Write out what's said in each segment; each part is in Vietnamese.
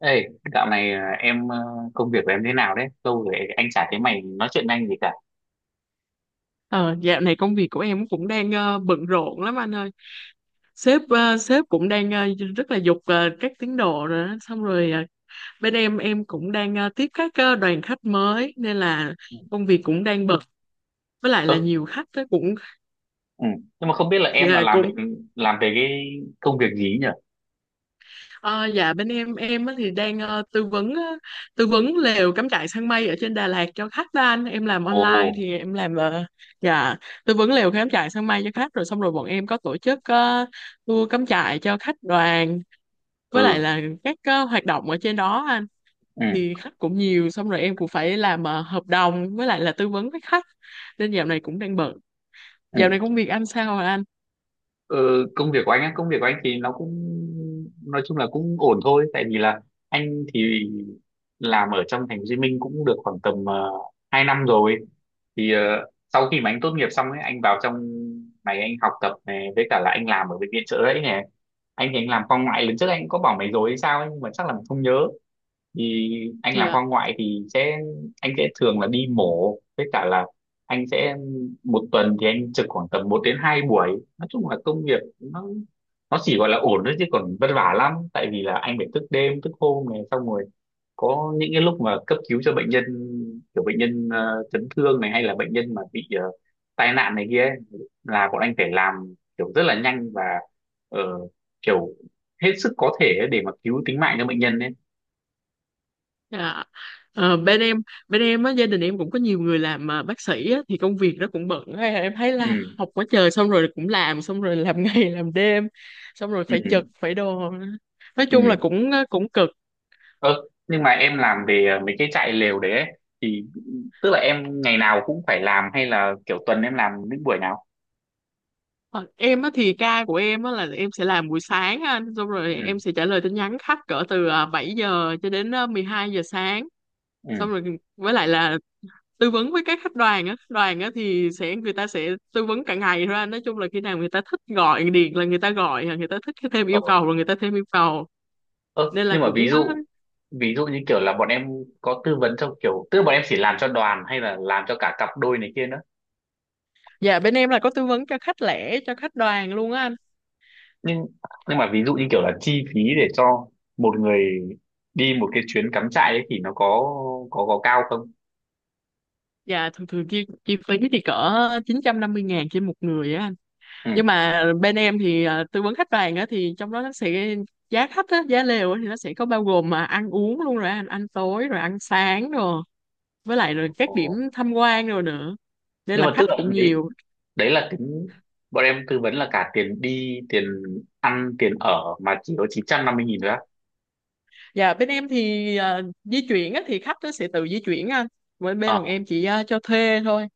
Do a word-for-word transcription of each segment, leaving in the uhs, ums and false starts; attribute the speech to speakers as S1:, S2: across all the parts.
S1: Ê, dạo này à, em ờ, công việc của em thế nào đấy? Lâu rồi anh chả thấy mày nói chuyện với anh gì cả.
S2: Ờ, Dạo này công việc của em cũng đang ờ, bận rộn lắm anh ơi. Sếp ờ, sếp cũng đang ờ, rất là giục ờ, các tiến độ rồi đó. Xong rồi ờ, bên em em cũng đang ờ, tiếp các ờ, đoàn khách mới nên là
S1: Ừ.
S2: công việc cũng đang bận. Với lại
S1: Ơ,
S2: là nhiều khách đó cũng
S1: ừ. Nhưng mà không biết là em là
S2: dạ,
S1: làm về
S2: cũng
S1: làm về cái công việc gì nhỉ?
S2: ờ, dạ bên em em á thì đang ờ, tư vấn ờ, tư vấn lều cắm trại săn mây ở trên Đà Lạt cho khách đó anh. Em làm online
S1: Ồ,
S2: thì em làm ờ, dạ tư vấn lều cắm trại săn mây cho khách rồi xong rồi bọn em có tổ chức ờ, tour cắm trại cho khách đoàn với lại
S1: ừ,
S2: là các ờ, hoạt động ở trên đó anh,
S1: ừ,
S2: thì khách cũng nhiều xong rồi em cũng phải làm ờ, hợp đồng với lại là tư vấn với khách nên dạo này cũng đang bận.
S1: ừ.
S2: Dạo này công việc anh sao rồi anh?
S1: Ừ, công việc của anh á, công việc của anh thì nó cũng nói chung là cũng ổn thôi, tại vì là anh thì làm ở trong thành phố Hồ Chí Minh cũng được khoảng tầm uh, hai năm rồi thì ờ, sau khi mà anh tốt nghiệp xong ấy anh vào trong này anh học tập này với cả là anh làm ở bệnh viện Chợ Rẫy này. Anh thì anh làm khoa ngoại, lần trước anh cũng có bảo mày rồi hay sao ấy, nhưng mà chắc là mày không nhớ. Thì anh làm
S2: Dạ.
S1: khoa ngoại thì sẽ anh sẽ thường là đi mổ với cả là anh sẽ một tuần thì anh trực khoảng tầm một đến hai buổi. Nói chung là công việc nó nó chỉ gọi là ổn thôi chứ còn vất vả lắm, tại vì là anh phải thức đêm thức hôm này, xong rồi có những cái lúc mà cấp cứu cho bệnh nhân, kiểu bệnh nhân ờ, chấn thương này hay là bệnh nhân mà bị ờ, tai nạn này kia ấy, là bọn anh phải làm kiểu rất là nhanh và ờ, kiểu hết sức có thể để mà cứu tính mạng cho bệnh nhân ấy.
S2: Dạ. Ờ, bên em bên em á, gia đình em cũng có nhiều người làm ờ, bác sĩ á, thì công việc nó cũng bận. Hay là em thấy là
S1: Ừ.
S2: học quá trời xong rồi cũng làm xong rồi làm ngày làm đêm xong rồi
S1: Ừ.
S2: phải trực phải đồ, nói chung là
S1: Ừ.
S2: cũng ờ, cũng cực.
S1: Ơ nhưng mà em làm về ờ, mấy cái trại lều đấy ấy, thì tức là em ngày nào cũng phải làm hay là kiểu tuần em làm những buổi nào?
S2: Ờ, em á thì ca của em á là em sẽ làm buổi sáng á anh, xong rồi em
S1: Ừ.
S2: sẽ trả lời tin nhắn khách cỡ từ à, bảy giờ cho đến à, mười hai giờ sáng, xong
S1: Ừ.
S2: rồi với lại là tư vấn với các khách đoàn á, đoàn á thì sẽ người ta sẽ tư vấn cả ngày thôi anh, nói chung là khi nào người ta thích gọi điện là người ta gọi à, người ta thích thêm
S1: Ờ.
S2: yêu cầu rồi người ta thêm yêu cầu
S1: Ơ,
S2: nên là
S1: nhưng mà ví
S2: cũng á.
S1: dụ ví dụ như kiểu là bọn em có tư vấn cho kiểu, tức là bọn em chỉ làm cho đoàn hay là làm cho cả cặp đôi này kia nữa?
S2: Dạ, bên em là có tư vấn cho khách lẻ cho khách đoàn luôn á anh.
S1: nhưng nhưng mà ví dụ như kiểu là chi phí để cho một người đi một cái chuyến cắm trại ấy thì nó có có có cao không?
S2: Dạ, thường thường chi chi phí thì cỡ chín trăm năm mươi ngàn trên một người á anh.
S1: Ừ.
S2: Nhưng mà bên em thì à, tư vấn khách hàng á thì trong đó nó sẽ giá khách á, giá lều á thì nó sẽ có bao gồm mà ăn uống luôn rồi anh, ăn tối rồi ăn sáng rồi với lại rồi các điểm
S1: Ồ.
S2: tham quan rồi nữa, nên
S1: Nhưng
S2: là
S1: mà tức
S2: khách
S1: là
S2: cũng
S1: đấy,
S2: nhiều.
S1: đấy là tính bọn em tư vấn là cả tiền đi, tiền ăn, tiền ở mà chỉ có chín trăm năm mươi nghìn thôi á?
S2: Và bên em thì à, di chuyển á thì khách nó sẽ tự di chuyển anh, bên bên
S1: Ờ.
S2: bọn em chỉ à, cho thuê thôi,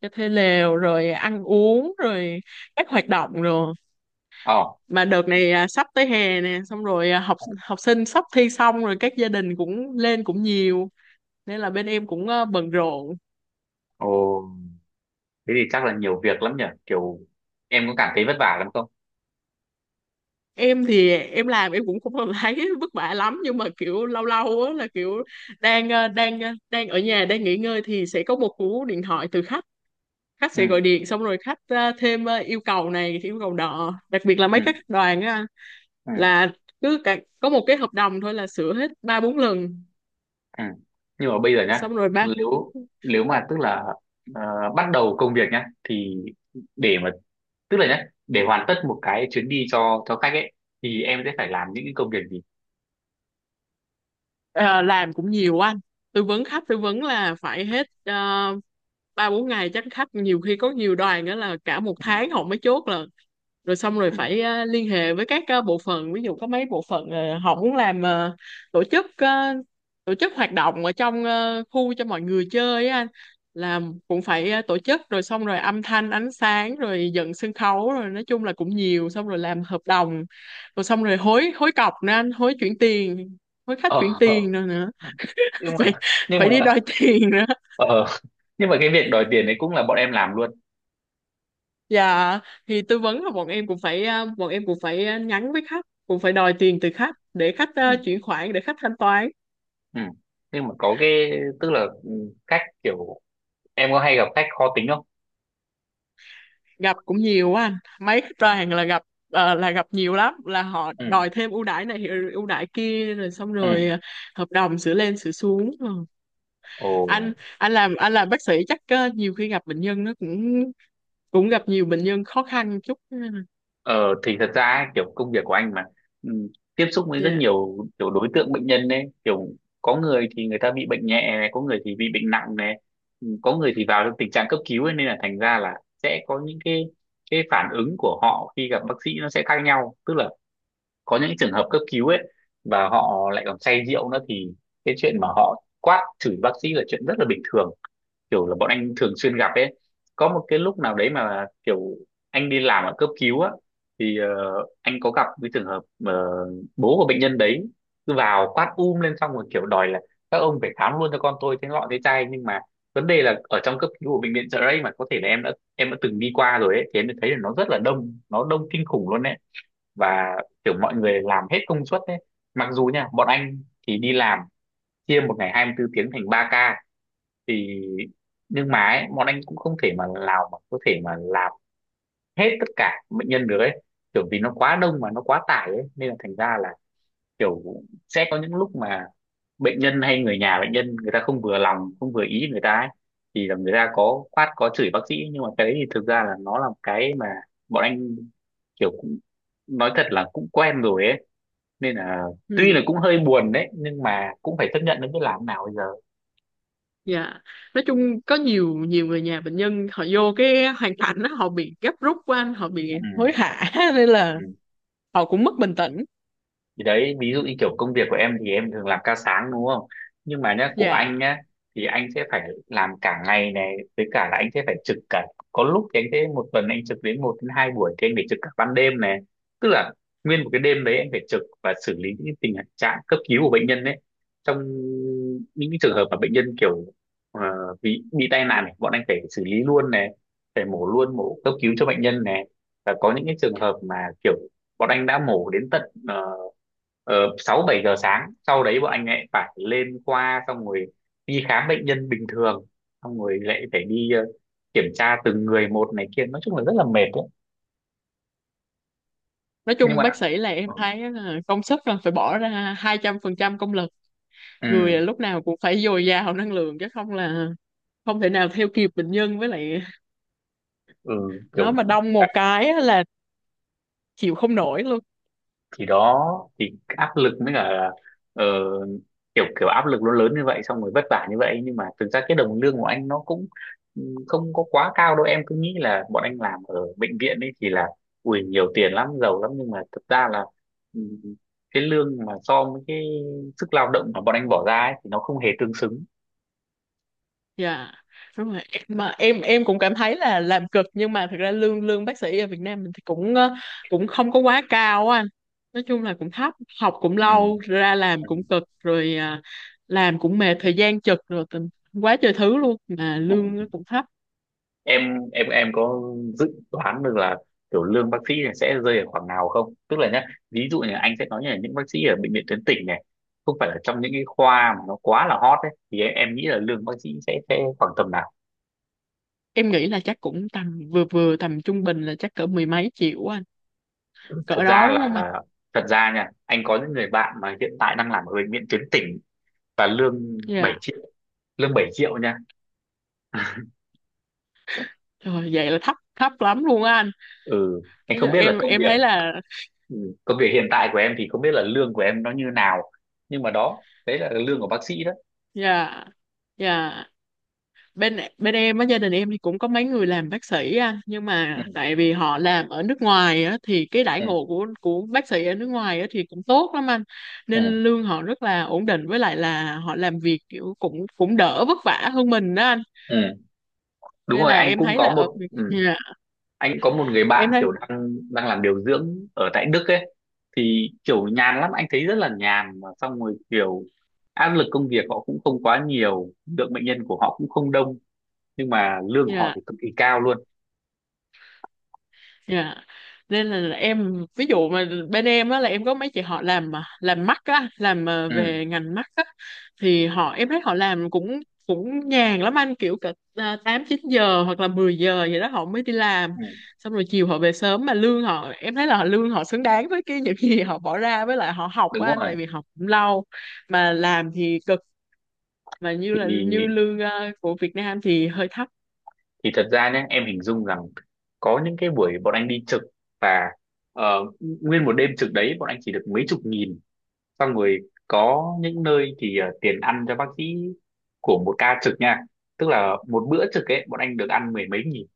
S2: cho thuê lều rồi ăn uống rồi các hoạt động rồi.
S1: Ờ.
S2: Mà đợt này à, sắp tới hè nè, xong rồi à, học học sinh sắp thi, xong rồi các gia đình cũng lên cũng nhiều, nên là bên em cũng ờ, bận rộn.
S1: Ồ, thế thì chắc là nhiều việc lắm nhỉ, kiểu em có cảm thấy vất vả lắm không?
S2: Em thì em làm em cũng không còn thấy vất vả lắm, nhưng mà kiểu lâu lâu á là kiểu đang ờ, đang ờ, đang ở nhà đang nghỉ ngơi thì sẽ có một cú điện thoại từ khách, khách
S1: Ừ.
S2: sẽ gọi điện xong rồi khách ờ, thêm ờ, yêu cầu này yêu cầu nọ, đặc biệt là mấy
S1: Ừ.
S2: cái khách đoàn á,
S1: Ừ.
S2: là cứ cả, có một cái hợp đồng thôi là sửa hết ba bốn lần
S1: Ừ. Nhưng mà bây giờ nhá,
S2: xong rồi ba.
S1: nếu nếu mà tức là ờ, bắt đầu công việc nhá thì để mà tức là nhá, để hoàn tất một cái chuyến đi cho cho khách ấy thì em sẽ phải làm những cái công việc gì?
S2: Ờ, làm cũng nhiều anh, tư vấn khách tư vấn là phải hết ờ, ba bốn ngày, chắc khách nhiều khi có nhiều đoàn đó là cả một
S1: Ừ.
S2: tháng họ mới chốt là, rồi xong rồi
S1: Ừ.
S2: phải ờ, liên hệ với các ờ, bộ phận, ví dụ có mấy bộ phận ờ, họ muốn làm ờ, tổ chức ờ, tổ chức hoạt động ở trong ờ, khu cho mọi người chơi á anh, là cũng phải ờ, tổ chức rồi xong rồi âm thanh ánh sáng rồi dựng sân khấu rồi, nói chung là cũng nhiều, xong rồi làm hợp đồng rồi xong rồi hối hối cọc nữa anh, hối chuyển tiền, hối khách chuyển
S1: Ờ. Ờ.
S2: tiền nữa nữa
S1: nhưng mà
S2: phải
S1: nhưng
S2: phải
S1: mà
S2: đi đòi tiền nữa.
S1: ờ nhưng mà cái việc đòi tiền đấy cũng là bọn em làm luôn?
S2: Dạ, thì tư vấn là bọn em cũng phải ờ, bọn em cũng phải ờ, nhắn với khách, cũng phải đòi tiền từ khách để khách ờ,
S1: Ừ.
S2: chuyển khoản để khách thanh toán.
S1: Ừ. Nhưng mà có cái tức là ừ, khách kiểu em có hay gặp khách khó tính không?
S2: Gặp cũng nhiều quá anh, mấy khách ra hàng là gặp ờ, là gặp nhiều lắm, là họ
S1: Ừ.
S2: đòi thêm ưu đãi này rồi ưu đãi kia rồi xong
S1: Ừ.
S2: rồi ờ, hợp đồng sửa lên sửa xuống. Ừ.
S1: Ồ.
S2: anh anh làm anh làm bác sĩ chắc ờ, nhiều khi gặp bệnh nhân nó cũng cũng gặp nhiều bệnh nhân khó khăn chút.
S1: Ờ, thì thật ra ấy, kiểu công việc của anh mà ừ, tiếp xúc với rất
S2: Dạ.
S1: nhiều kiểu đối tượng bệnh nhân đấy, kiểu có người thì người ta bị bệnh nhẹ này, có người thì bị bệnh nặng này, ừ, có người thì vào trong tình trạng cấp cứu ấy, nên là thành ra là sẽ có những cái cái phản ứng của họ khi gặp bác sĩ nó sẽ khác nhau. Tức là có những trường hợp cấp cứu ấy và họ lại còn say rượu nữa thì cái chuyện mà họ quát chửi bác sĩ là chuyện rất là bình thường, kiểu là bọn anh thường xuyên gặp ấy. Có một cái lúc nào đấy mà kiểu anh đi làm ở cấp cứu á thì ờ, anh có gặp cái trường hợp mà bố của bệnh nhân đấy cứ vào quát um lên, xong rồi kiểu đòi là các ông phải khám luôn cho con tôi thế lọ thế chai. Nhưng mà vấn đề là ở trong cấp cứu của bệnh viện Chợ Rẫy, mà có thể là em đã em đã từng đi qua rồi ấy, thì em đã thấy là nó rất là đông, nó đông kinh khủng luôn ấy. Và kiểu mọi người làm hết công suất đấy, mặc dù nha bọn anh thì đi làm chia một ngày hai mươi tư tiếng thành ba ca thì nhưng mà ấy, bọn anh cũng không thể mà nào mà có thể mà làm hết tất cả bệnh nhân được ấy, kiểu vì nó quá đông mà nó quá tải ấy, nên là thành ra là kiểu sẽ có những lúc mà bệnh nhân hay người nhà bệnh nhân người ta không vừa lòng không vừa ý người ta ấy, thì là người ta có quát có chửi bác sĩ. Nhưng mà cái đấy thì thực ra là nó là một cái mà bọn anh kiểu cũng nói thật là cũng quen rồi ấy, nên là tuy
S2: Ừ.
S1: là cũng hơi buồn đấy nhưng mà cũng phải chấp nhận nó, biết làm nào bây giờ.
S2: Dạ, nói chung có nhiều nhiều người nhà bệnh nhân họ vô cái hoàn cảnh đó, họ bị gấp rút quá anh, họ bị
S1: Ừ.
S2: hối hả nên là
S1: Ừ.
S2: họ cũng mất bình tĩnh.
S1: Thì đấy, ví dụ như kiểu công việc của em thì em thường làm ca sáng đúng không, nhưng mà nhá của
S2: Dạ,
S1: anh nhá thì anh sẽ phải làm cả ngày này với cả là anh sẽ phải trực cả, có lúc thì anh sẽ một tuần anh trực đến một đến hai buổi thì anh phải trực cả ban đêm này. Tức là nguyên một cái đêm đấy anh phải trực và xử lý những cái tình trạng cấp cứu của bệnh nhân đấy, trong những cái trường hợp mà bệnh nhân kiểu ờ, bị bị tai nạn này, bọn anh phải xử lý luôn này, phải mổ luôn, mổ cấp cứu cho bệnh nhân này. Và có những cái trường hợp mà kiểu bọn anh đã mổ đến tận ờ, ờ, sáu bảy giờ sáng, sau đấy bọn anh lại phải lên khoa, xong rồi đi khám bệnh nhân bình thường, xong rồi lại phải đi ờ, kiểm tra từng người một này kia, nói chung là rất là mệt đấy.
S2: nói
S1: Nhưng
S2: chung
S1: mà
S2: bác sĩ là em thấy là công sức là phải bỏ ra hai trăm phần trăm công lực,
S1: ừ,
S2: người lúc nào cũng phải dồi dào năng lượng chứ không là không thể nào theo kịp bệnh nhân, với lại
S1: ừ
S2: nó
S1: kiểu
S2: mà đông một cái á là chịu không nổi luôn.
S1: thì đó, thì áp lực mới cả ờ, kiểu kiểu áp lực nó lớn như vậy, xong rồi vất vả như vậy nhưng mà thực ra cái đồng lương của anh nó cũng ừ, không có quá cao đâu. Em cứ nghĩ là bọn anh làm ở bệnh viện ấy thì là ui nhiều tiền lắm, giàu lắm, nhưng mà thực ra là ừ, cái lương mà so với cái sức lao động mà bọn anh bỏ ra ấy, thì nó không hề tương xứng.
S2: Dạ, đúng rồi, mà em em cũng cảm thấy là làm cực nhưng mà thực ra lương lương bác sĩ ở Việt Nam mình thì cũng ờ, cũng không có quá cao á anh, nói chung là cũng thấp, học cũng
S1: Ừ.
S2: lâu ra làm
S1: Ừ.
S2: cũng cực rồi à, làm cũng mệt thời gian chật rồi tình quá trời thứ luôn mà
S1: Ừ.
S2: lương nó cũng thấp.
S1: Em em em có dự đoán được là kiểu lương bác sĩ này sẽ rơi ở khoảng nào không? Tức là nhá, ví dụ như anh sẽ nói như là những bác sĩ ở bệnh viện tuyến tỉnh này, không phải là trong những cái khoa mà nó quá là hot ấy, thì em, em nghĩ là lương bác sĩ sẽ sẽ khoảng tầm nào?
S2: Em nghĩ là chắc cũng tầm vừa vừa, tầm trung bình là chắc cỡ mười mấy triệu á anh,
S1: thật
S2: cỡ đó
S1: ra
S2: đúng
S1: là
S2: không anh?
S1: Thật ra nha anh có những người bạn mà hiện tại đang làm ở bệnh viện tuyến tỉnh và lương bảy
S2: Dạ
S1: triệu lương bảy triệu nha.
S2: rồi, vậy là thấp thấp lắm luôn á anh,
S1: Ừ anh
S2: nói
S1: không
S2: chung
S1: biết là
S2: em
S1: công
S2: em
S1: việc
S2: thấy là.
S1: ừ, công việc hiện tại của em thì không biết là lương của em nó như nào, nhưng mà đó đấy là lương của bác sĩ đó.
S2: Dạ. Dạ. Bên bên em á, gia đình em thì cũng có mấy người làm bác sĩ anh, nhưng
S1: Ừ.
S2: mà tại vì họ làm ở nước ngoài á thì cái đãi
S1: Ừ.
S2: ngộ của của bác sĩ ở nước ngoài á thì cũng tốt lắm anh,
S1: Ừ.
S2: nên lương họ rất là ổn định, với lại là họ làm việc kiểu cũng cũng đỡ vất vả hơn mình đó anh,
S1: Ừ, đúng
S2: nên
S1: rồi,
S2: là
S1: anh
S2: em
S1: cũng
S2: thấy là
S1: có
S2: ở
S1: một
S2: Việt-
S1: ừ,
S2: dạ,
S1: anh cũng có một người bạn
S2: em thấy.
S1: kiểu đang đang làm điều dưỡng ở tại Đức ấy, thì kiểu nhàn lắm, anh thấy rất là nhàn, mà xong rồi kiểu áp lực công việc họ cũng không quá nhiều, lượng bệnh nhân của họ cũng không đông, nhưng mà lương của họ
S2: Dạ.
S1: thì cực kỳ cao luôn.
S2: Dạ. Nên là em ví dụ mà bên em á là em có mấy chị họ làm mà làm mắt á, làm ờ,
S1: Ừ,
S2: về ngành mắt á, thì họ em thấy họ làm cũng cũng nhàn lắm anh, kiểu cả à, tám chín giờ hoặc là mười giờ vậy đó họ mới đi làm.
S1: ừ,
S2: Xong rồi chiều họ về sớm mà lương họ, em thấy là họ lương họ xứng đáng với cái những gì họ bỏ ra với lại họ học
S1: đúng
S2: á anh,
S1: rồi.
S2: tại vì học cũng lâu mà làm thì cực, mà như là như
S1: thì
S2: lương ờ, của Việt Nam thì hơi thấp.
S1: thì thật ra nhé em hình dung rằng có những cái buổi bọn anh đi trực và ờ, nguyên một đêm trực đấy bọn anh chỉ được mấy chục nghìn, xong rồi có những nơi thì ờ, tiền ăn cho bác sĩ của một ca trực nha, tức là một bữa trực ấy bọn anh được ăn mười mấy nghìn,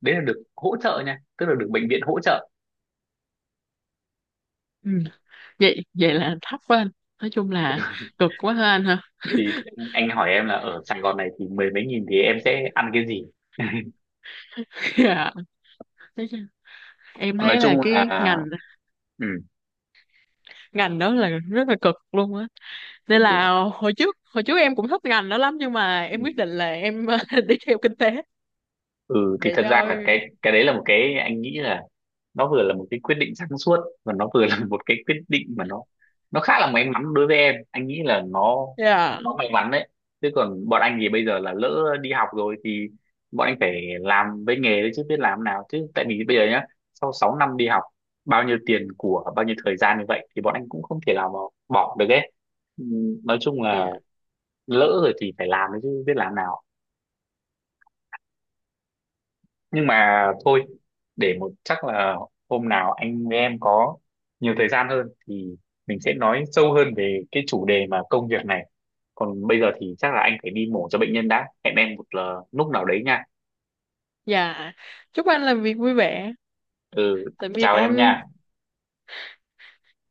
S1: đấy là được hỗ trợ nha, tức là được bệnh viện hỗ trợ.
S2: Ừ. Vậy vậy là thấp quá anh, nói chung là cực quá ha anh hả
S1: Thì, thì anh hỏi em là ở Sài Gòn này thì mười mấy nghìn thì em sẽ ăn cái gì?
S2: dạ. Thế chứ em
S1: Nói
S2: thấy là
S1: chung
S2: cái
S1: là
S2: ngành
S1: ừ,
S2: ngành đó là rất là cực luôn á, nên
S1: ừ.
S2: là hồi trước hồi trước em cũng thích ngành đó lắm, nhưng mà em quyết định là em đi theo kinh tế
S1: Ừ thì
S2: để
S1: thật ra
S2: cho.
S1: là cái cái đấy là một cái anh nghĩ là nó vừa là một cái quyết định sáng suốt và nó vừa là một cái quyết định mà nó nó khá là may mắn đối với em, anh nghĩ là nó
S2: Dạ.
S1: nó may mắn đấy. Chứ còn bọn anh thì bây giờ là lỡ đi học rồi thì bọn anh phải làm với nghề đấy chứ biết làm nào, chứ tại vì bây giờ nhá, sau sáu năm đi học, bao nhiêu tiền của bao nhiêu thời gian như vậy thì bọn anh cũng không thể nào mà bỏ được ấy. Ừ, nói chung là
S2: Dạ.
S1: lỡ rồi thì phải làm đấy chứ biết làm nào. Nhưng mà thôi, để một chắc là hôm nào anh với em có nhiều thời gian hơn thì mình sẽ nói sâu hơn về cái chủ đề mà công việc này. Còn bây giờ thì chắc là anh phải đi mổ cho bệnh nhân, đã hẹn em một ờ, lúc nào đấy nha.
S2: Dạ, chúc anh làm việc vui vẻ.
S1: Ừ,
S2: Tạm biệt
S1: chào em
S2: anh.
S1: nha.